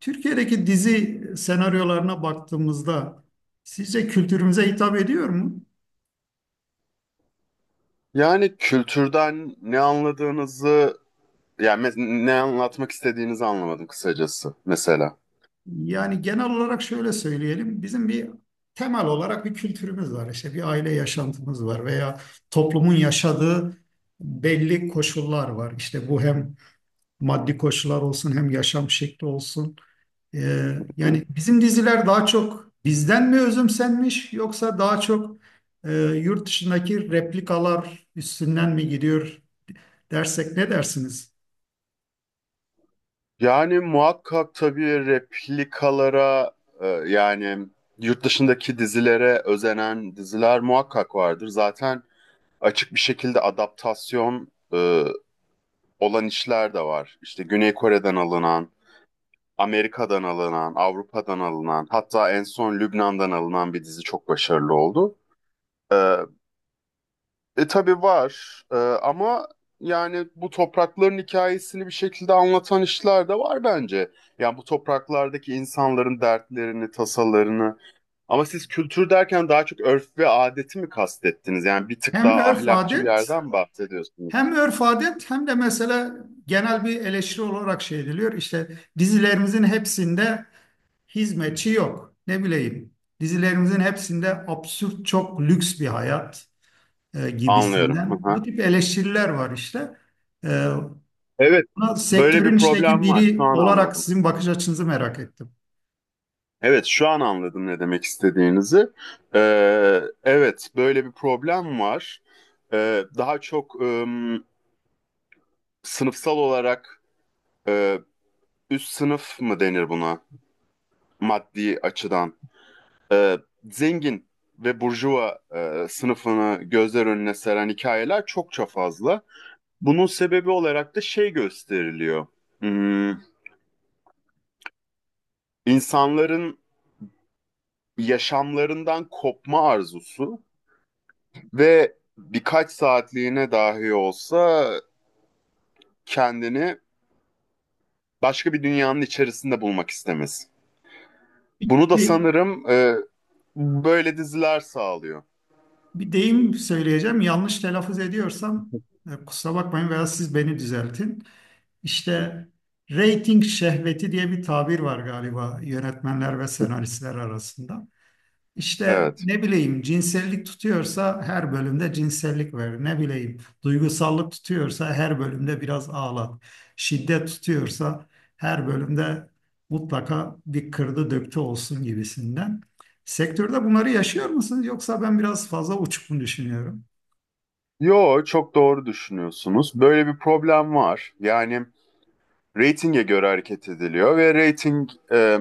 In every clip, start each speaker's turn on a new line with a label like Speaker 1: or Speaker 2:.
Speaker 1: Türkiye'deki dizi senaryolarına baktığımızda sizce kültürümüze hitap ediyor mu?
Speaker 2: Yani kültürden ne anladığınızı, ne anlatmak istediğinizi anlamadım kısacası mesela.
Speaker 1: Yani genel olarak şöyle söyleyelim. Bizim bir temel olarak bir kültürümüz var. İşte bir aile yaşantımız var veya toplumun yaşadığı belli koşullar var. İşte bu hem maddi koşullar olsun hem yaşam şekli olsun.
Speaker 2: Hı?
Speaker 1: Yani bizim diziler daha çok bizden mi özümsenmiş yoksa daha çok yurt dışındaki replikalar üstünden mi gidiyor dersek ne dersiniz?
Speaker 2: Yani muhakkak tabii replikalara, yani yurt dışındaki dizilere özenen diziler muhakkak vardır. Zaten açık bir şekilde adaptasyon olan işler de var. İşte Güney Kore'den alınan, Amerika'dan alınan, Avrupa'dan alınan, hatta en son Lübnan'dan alınan bir dizi çok başarılı oldu. E, Ama yani bu toprakların hikayesini bir şekilde anlatan işler de var bence. Yani bu topraklardaki insanların dertlerini, tasalarını. Ama siz kültür derken daha çok örf ve adeti mi kastettiniz? Yani bir tık
Speaker 1: Hem
Speaker 2: daha
Speaker 1: örf
Speaker 2: ahlakçı bir
Speaker 1: adet
Speaker 2: yerden bahsediyorsunuz.
Speaker 1: hem örf adet hem de mesela genel bir eleştiri olarak şey ediliyor. İşte dizilerimizin hepsinde hizmetçi yok. Ne bileyim dizilerimizin hepsinde absürt çok lüks bir hayat
Speaker 2: Anlıyorum. Hı
Speaker 1: gibisinden.
Speaker 2: hı.
Speaker 1: Bu tip eleştiriler var işte. E,
Speaker 2: Evet,
Speaker 1: Buna
Speaker 2: böyle bir
Speaker 1: sektörün içindeki
Speaker 2: problem var. Şu
Speaker 1: biri
Speaker 2: an
Speaker 1: olarak
Speaker 2: anladım.
Speaker 1: sizin bakış açınızı merak ettim.
Speaker 2: Evet, şu an anladım ne demek istediğinizi. E, evet, böyle bir problem var. Daha çok... e, sınıfsal olarak e, üst sınıf mı denir buna maddi açıdan? E, Zengin ve burjuva sınıfını gözler önüne seren hikayeler çokça fazla. Bunun sebebi olarak da şey gösteriliyor. Hmm, insanların yaşamlarından kopma arzusu ve birkaç saatliğine dahi olsa kendini başka bir dünyanın içerisinde bulmak istemesi. Bunu da
Speaker 1: Bir,
Speaker 2: sanırım böyle diziler sağlıyor.
Speaker 1: bir deyim söyleyeceğim. Yanlış telaffuz ediyorsam kusura bakmayın veya siz beni düzeltin. İşte rating şehveti diye bir tabir var galiba yönetmenler ve senaristler arasında. İşte
Speaker 2: Evet.
Speaker 1: ne bileyim cinsellik tutuyorsa her bölümde cinsellik ver. Ne bileyim duygusallık tutuyorsa her bölümde biraz ağlat. Şiddet tutuyorsa her bölümde mutlaka bir kırdı döktü olsun gibisinden. Sektörde bunları yaşıyor musunuz yoksa ben biraz fazla uçuk mu düşünüyorum?
Speaker 2: Yo, çok doğru düşünüyorsunuz. Böyle bir problem var. Yani reytinge göre hareket ediliyor ve reyting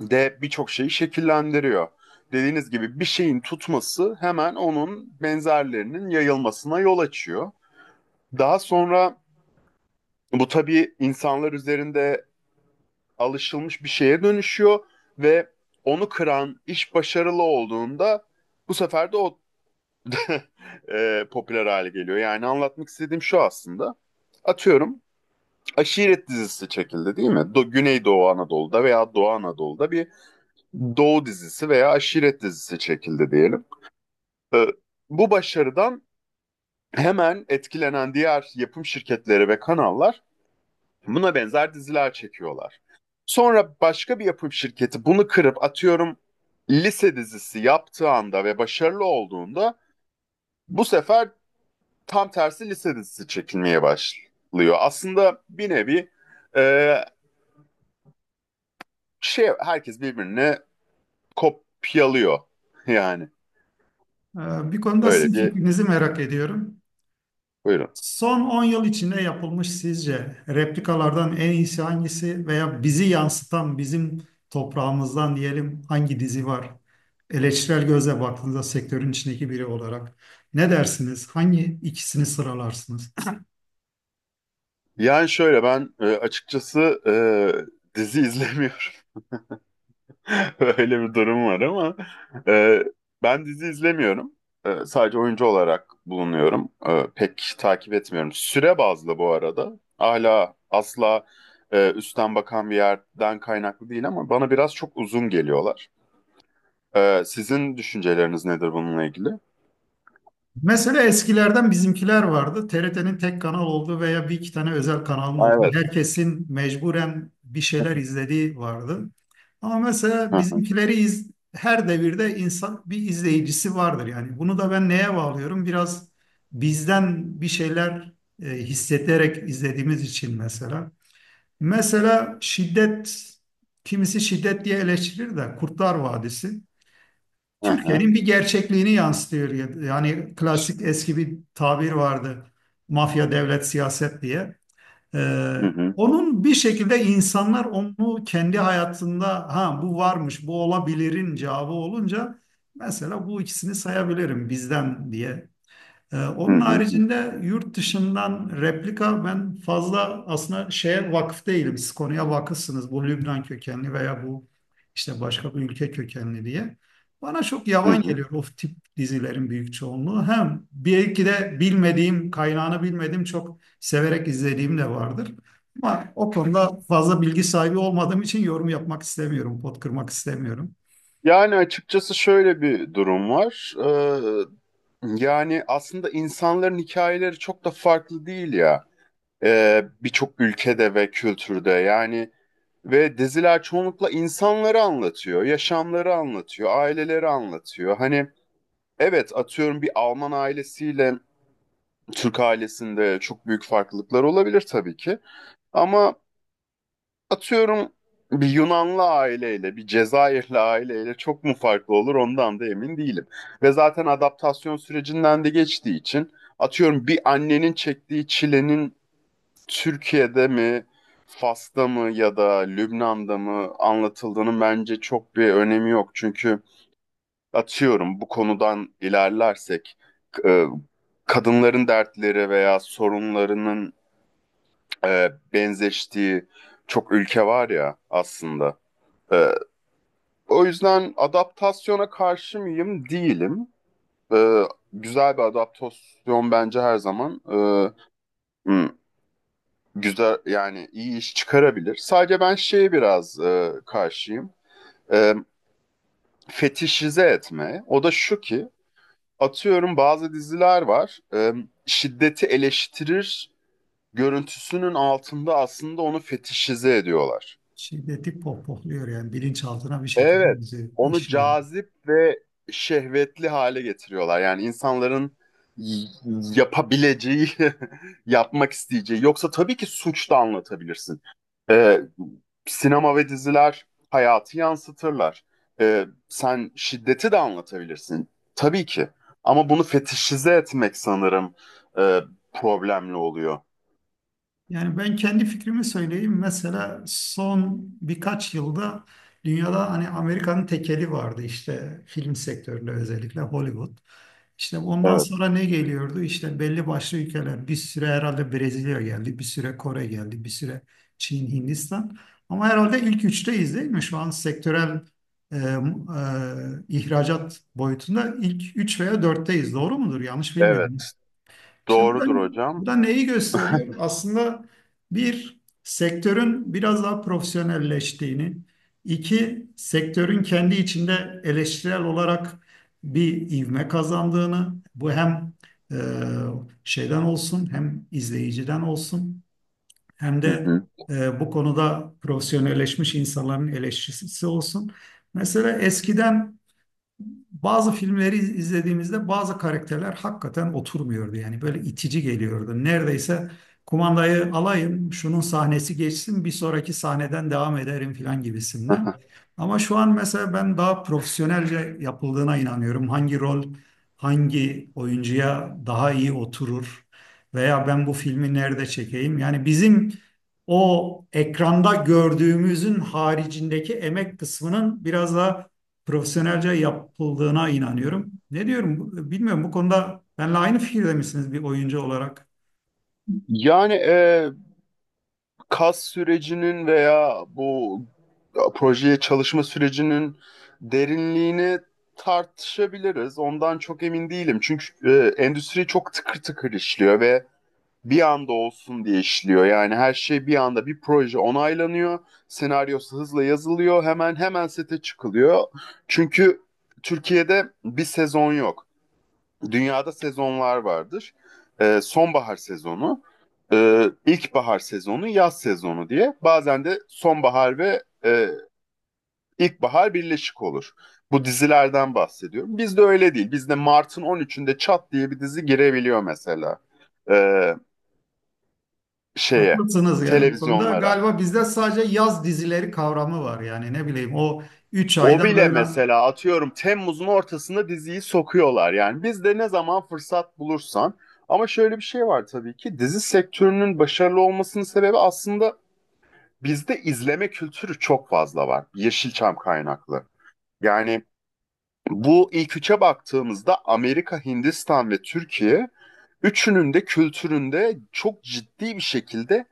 Speaker 2: de birçok şeyi şekillendiriyor. Dediğiniz gibi bir şeyin tutması hemen onun benzerlerinin yayılmasına yol açıyor. Daha sonra bu tabii insanlar üzerinde alışılmış bir şeye dönüşüyor ve onu kıran iş başarılı olduğunda bu sefer de o popüler hale geliyor. Yani anlatmak istediğim şu aslında. Atıyorum Aşiret dizisi çekildi değil mi? Güneydoğu Anadolu'da veya Doğu Anadolu'da bir Doğu dizisi veya Aşiret dizisi çekildi diyelim. E, Bu başarıdan hemen etkilenen diğer yapım şirketleri ve kanallar buna benzer diziler çekiyorlar. Sonra başka bir yapım şirketi bunu kırıp atıyorum lise dizisi yaptığı anda ve başarılı olduğunda bu sefer tam tersi lise dizisi çekilmeye başlıyor. Aslında bir nevi e, herkes birbirine kopyalıyor. Yani
Speaker 1: Bir konuda sizin
Speaker 2: öyle bir
Speaker 1: fikrinizi merak ediyorum.
Speaker 2: buyurun.
Speaker 1: Son 10 yıl içinde yapılmış sizce replikalardan en iyisi hangisi veya bizi yansıtan bizim toprağımızdan diyelim hangi dizi var? Eleştirel gözle baktığınızda sektörün içindeki biri olarak ne dersiniz? Hangi ikisini sıralarsınız?
Speaker 2: Yani şöyle ben açıkçası dizi izlemiyorum. Öyle bir durum var ama e, ben dizi izlemiyorum. Sadece oyuncu olarak bulunuyorum. Pek takip etmiyorum. Süre bazlı bu arada. Hala asla üstten bakan bir yerden kaynaklı değil ama bana biraz çok uzun geliyorlar. Sizin düşünceleriniz nedir bununla ilgili?
Speaker 1: Mesela eskilerden bizimkiler vardı. TRT'nin tek kanal olduğu veya bir iki tane özel kanalın
Speaker 2: Aa,
Speaker 1: olduğu.
Speaker 2: evet.
Speaker 1: Herkesin mecburen bir şeyler izlediği vardı. Ama mesela
Speaker 2: Hı hı,
Speaker 1: her devirde insan bir izleyicisi vardır yani. Bunu da ben neye bağlıyorum? Biraz bizden bir şeyler hissederek izlediğimiz için mesela. Mesela şiddet, kimisi şiddet diye eleştirir de Kurtlar Vadisi.
Speaker 2: hı hı,
Speaker 1: Türkiye'nin bir gerçekliğini yansıtıyor. Yani klasik eski bir tabir vardı. Mafya, devlet, siyaset diye. Ee,
Speaker 2: hı hı,
Speaker 1: onun bir şekilde insanlar onu kendi hayatında ha bu varmış, bu olabilirin cevabı olunca mesela bu ikisini sayabilirim bizden diye
Speaker 2: hı
Speaker 1: onun
Speaker 2: hı,
Speaker 1: haricinde yurt dışından replika ben fazla aslında şeye vakıf değilim. Siz konuya vakıfsınız. Bu Lübnan kökenli veya bu işte başka bir ülke kökenli diye. Bana çok
Speaker 2: hı
Speaker 1: yavan
Speaker 2: hı.
Speaker 1: geliyor o tip dizilerin büyük çoğunluğu. Hem belki de bilmediğim, kaynağını bilmediğim çok severek izlediğim de vardır. Ama o konuda fazla bilgi sahibi olmadığım için yorum yapmak istemiyorum, pot kırmak istemiyorum.
Speaker 2: Yani açıkçası şöyle bir durum var. Yani aslında insanların hikayeleri çok da farklı değil ya. Birçok ülkede ve kültürde yani ve diziler çoğunlukla insanları anlatıyor, yaşamları anlatıyor, aileleri anlatıyor. Hani evet atıyorum bir Alman ailesiyle Türk ailesinde çok büyük farklılıklar olabilir tabii ki. Ama atıyorum bir Yunanlı aileyle, bir Cezayirli aileyle çok mu farklı olur ondan da emin değilim. Ve zaten adaptasyon sürecinden de geçtiği için atıyorum bir annenin çektiği çilenin Türkiye'de mi, Fas'ta mı ya da Lübnan'da mı anlatıldığının bence çok bir önemi yok. Çünkü atıyorum bu konudan ilerlersek e, kadınların dertleri veya sorunlarının benzeştiği çok ülke var ya aslında. E, O yüzden adaptasyona karşı mıyım? Değilim. E, Güzel bir adaptasyon bence her zaman hmm, güzel yani iyi iş çıkarabilir. Sadece ben şeye biraz karşıyım. E, Fetişize etme. O da şu ki atıyorum bazı diziler var. Şiddeti eleştirir görüntüsünün altında aslında onu fetişize ediyorlar.
Speaker 1: Şiddeti pohpohluyor yani bilinçaltına bir
Speaker 2: Evet,
Speaker 1: şekilde bizi
Speaker 2: onu
Speaker 1: işliyor.
Speaker 2: cazip ve şehvetli hale getiriyorlar. Yani y- yapabileceği, yapmak isteyeceği. Yoksa tabii ki suç da anlatabilirsin. Ee, Sinema ve diziler hayatı yansıtırlar. Sen şiddeti de anlatabilirsin. Tabii ki. Ama bunu fetişize etmek sanırım e, problemli oluyor.
Speaker 1: Yani ben kendi fikrimi söyleyeyim. Mesela son birkaç yılda dünyada hani Amerika'nın tekeli vardı işte film sektöründe özellikle Hollywood. İşte ondan
Speaker 2: Evet.
Speaker 1: sonra ne geliyordu? İşte belli başlı ülkeler. Bir süre herhalde Brezilya geldi, bir süre Kore geldi, bir süre Çin, Hindistan. Ama herhalde ilk üçteyiz değil mi? Şu an sektörel e, ihracat boyutunda ilk üç veya dörtteyiz. Doğru mudur? Yanlış bilmiyorum.
Speaker 2: Evet,
Speaker 1: İşte bu da,
Speaker 2: doğrudur
Speaker 1: bu
Speaker 2: hocam.
Speaker 1: da neyi gösteriyor? Aslında bir, sektörün biraz daha profesyonelleştiğini, iki, sektörün kendi içinde eleştirel olarak bir ivme kazandığını, bu hem e, şeyden olsun, hem izleyiciden olsun, hem
Speaker 2: Hı
Speaker 1: de
Speaker 2: hı.
Speaker 1: bu konuda profesyonelleşmiş insanların eleştirisi olsun. Mesela eskiden izlediğimizde bazı karakterler hakikaten oturmuyordu. Yani böyle itici geliyordu. Neredeyse kumandayı alayım, şunun sahnesi geçsin, bir sonraki sahneden devam ederim filan gibisinden. Ama şu an mesela ben daha profesyonelce yapıldığına inanıyorum. Hangi rol hangi oyuncuya daha iyi oturur veya ben bu filmi nerede çekeyim? Yani bizim o ekranda gördüğümüzün haricindeki emek kısmının biraz daha profesyonelce yapıldığına inanıyorum. Bilmiyorum, bu konuda benimle aynı fikirde misiniz bir oyuncu olarak?
Speaker 2: Yani kas sürecinin veya bu projeye çalışma sürecinin derinliğini tartışabiliriz. Ondan çok emin değilim. Çünkü endüstri çok tıkır tıkır işliyor ve bir anda olsun diye işliyor. Yani her şey bir anda bir proje onaylanıyor. Senaryosu hızla yazılıyor. Hemen hemen sete çıkılıyor. Çünkü Türkiye'de bir sezon yok, dünyada sezonlar vardır. Sonbahar sezonu, ilkbahar sezonu, yaz sezonu diye. Bazen de sonbahar ve ilkbahar birleşik olur. Bu dizilerden bahsediyorum. Bizde öyle değil. Bizde Mart'ın 13'ünde çat diye bir dizi girebiliyor mesela. Ee, şeye,
Speaker 1: Haklısınız yani bu konuda
Speaker 2: televizyonlara.
Speaker 1: galiba bizde sadece yaz dizileri kavramı var yani ne bileyim o 3
Speaker 2: O
Speaker 1: ayda
Speaker 2: bile
Speaker 1: böyle.
Speaker 2: mesela atıyorum Temmuz'un ortasında diziyi sokuyorlar yani. Biz de ne zaman fırsat bulursan. Ama şöyle bir şey var, tabii ki dizi sektörünün başarılı olmasının sebebi aslında bizde izleme kültürü çok fazla var. Yeşilçam kaynaklı. Yani bu ilk üçe baktığımızda Amerika, Hindistan ve Türkiye üçünün de kültüründe çok ciddi bir şekilde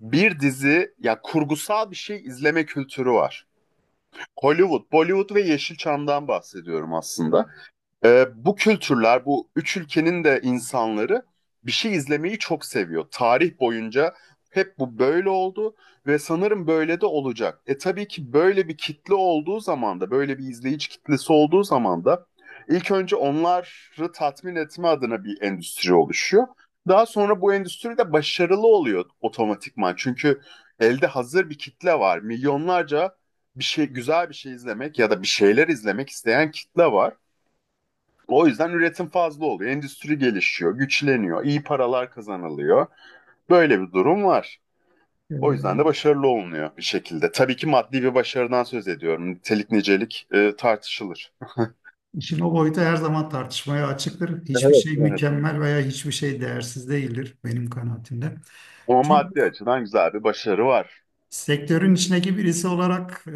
Speaker 2: bir dizi ya kurgusal bir şey izleme kültürü var. Hollywood, Bollywood ve Yeşilçam'dan bahsediyorum aslında. Bu kültürler, bu üç ülkenin de insanları bir şey izlemeyi çok seviyor. Tarih boyunca hep bu böyle oldu ve sanırım böyle de olacak. E tabii ki böyle bir kitle olduğu zaman da, böyle bir izleyici kitlesi olduğu zaman da ilk önce onları tatmin etme adına bir endüstri oluşuyor. Daha sonra bu endüstri de başarılı oluyor otomatikman. Çünkü elde hazır bir kitle var. Milyonlarca bir şey, güzel bir şey izlemek ya da bir şeyler izlemek isteyen kitle var. O yüzden üretim fazla oluyor. Endüstri gelişiyor, güçleniyor, iyi paralar kazanılıyor. Böyle bir durum var.
Speaker 1: e,
Speaker 2: O yüzden de başarılı olunuyor bir şekilde. Tabii ki maddi bir başarıdan söz ediyorum. Nitelik nicelik tartışılır.
Speaker 1: işin o boyutu her zaman tartışmaya açıktır. Hiçbir
Speaker 2: Evet,
Speaker 1: şey
Speaker 2: evet.
Speaker 1: mükemmel veya hiçbir şey değersiz değildir benim kanaatimde.
Speaker 2: Ama maddi
Speaker 1: Çok
Speaker 2: açıdan güzel bir başarı var.
Speaker 1: sektörün içindeki birisi olarak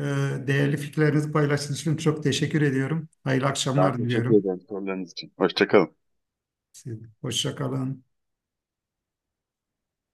Speaker 1: değerli fikirlerinizi paylaştığınız için çok teşekkür ediyorum. Hayırlı
Speaker 2: Ben
Speaker 1: akşamlar
Speaker 2: teşekkür
Speaker 1: diliyorum.
Speaker 2: ederim sorularınız için. Hoşçakalın.
Speaker 1: Hoşça kalın.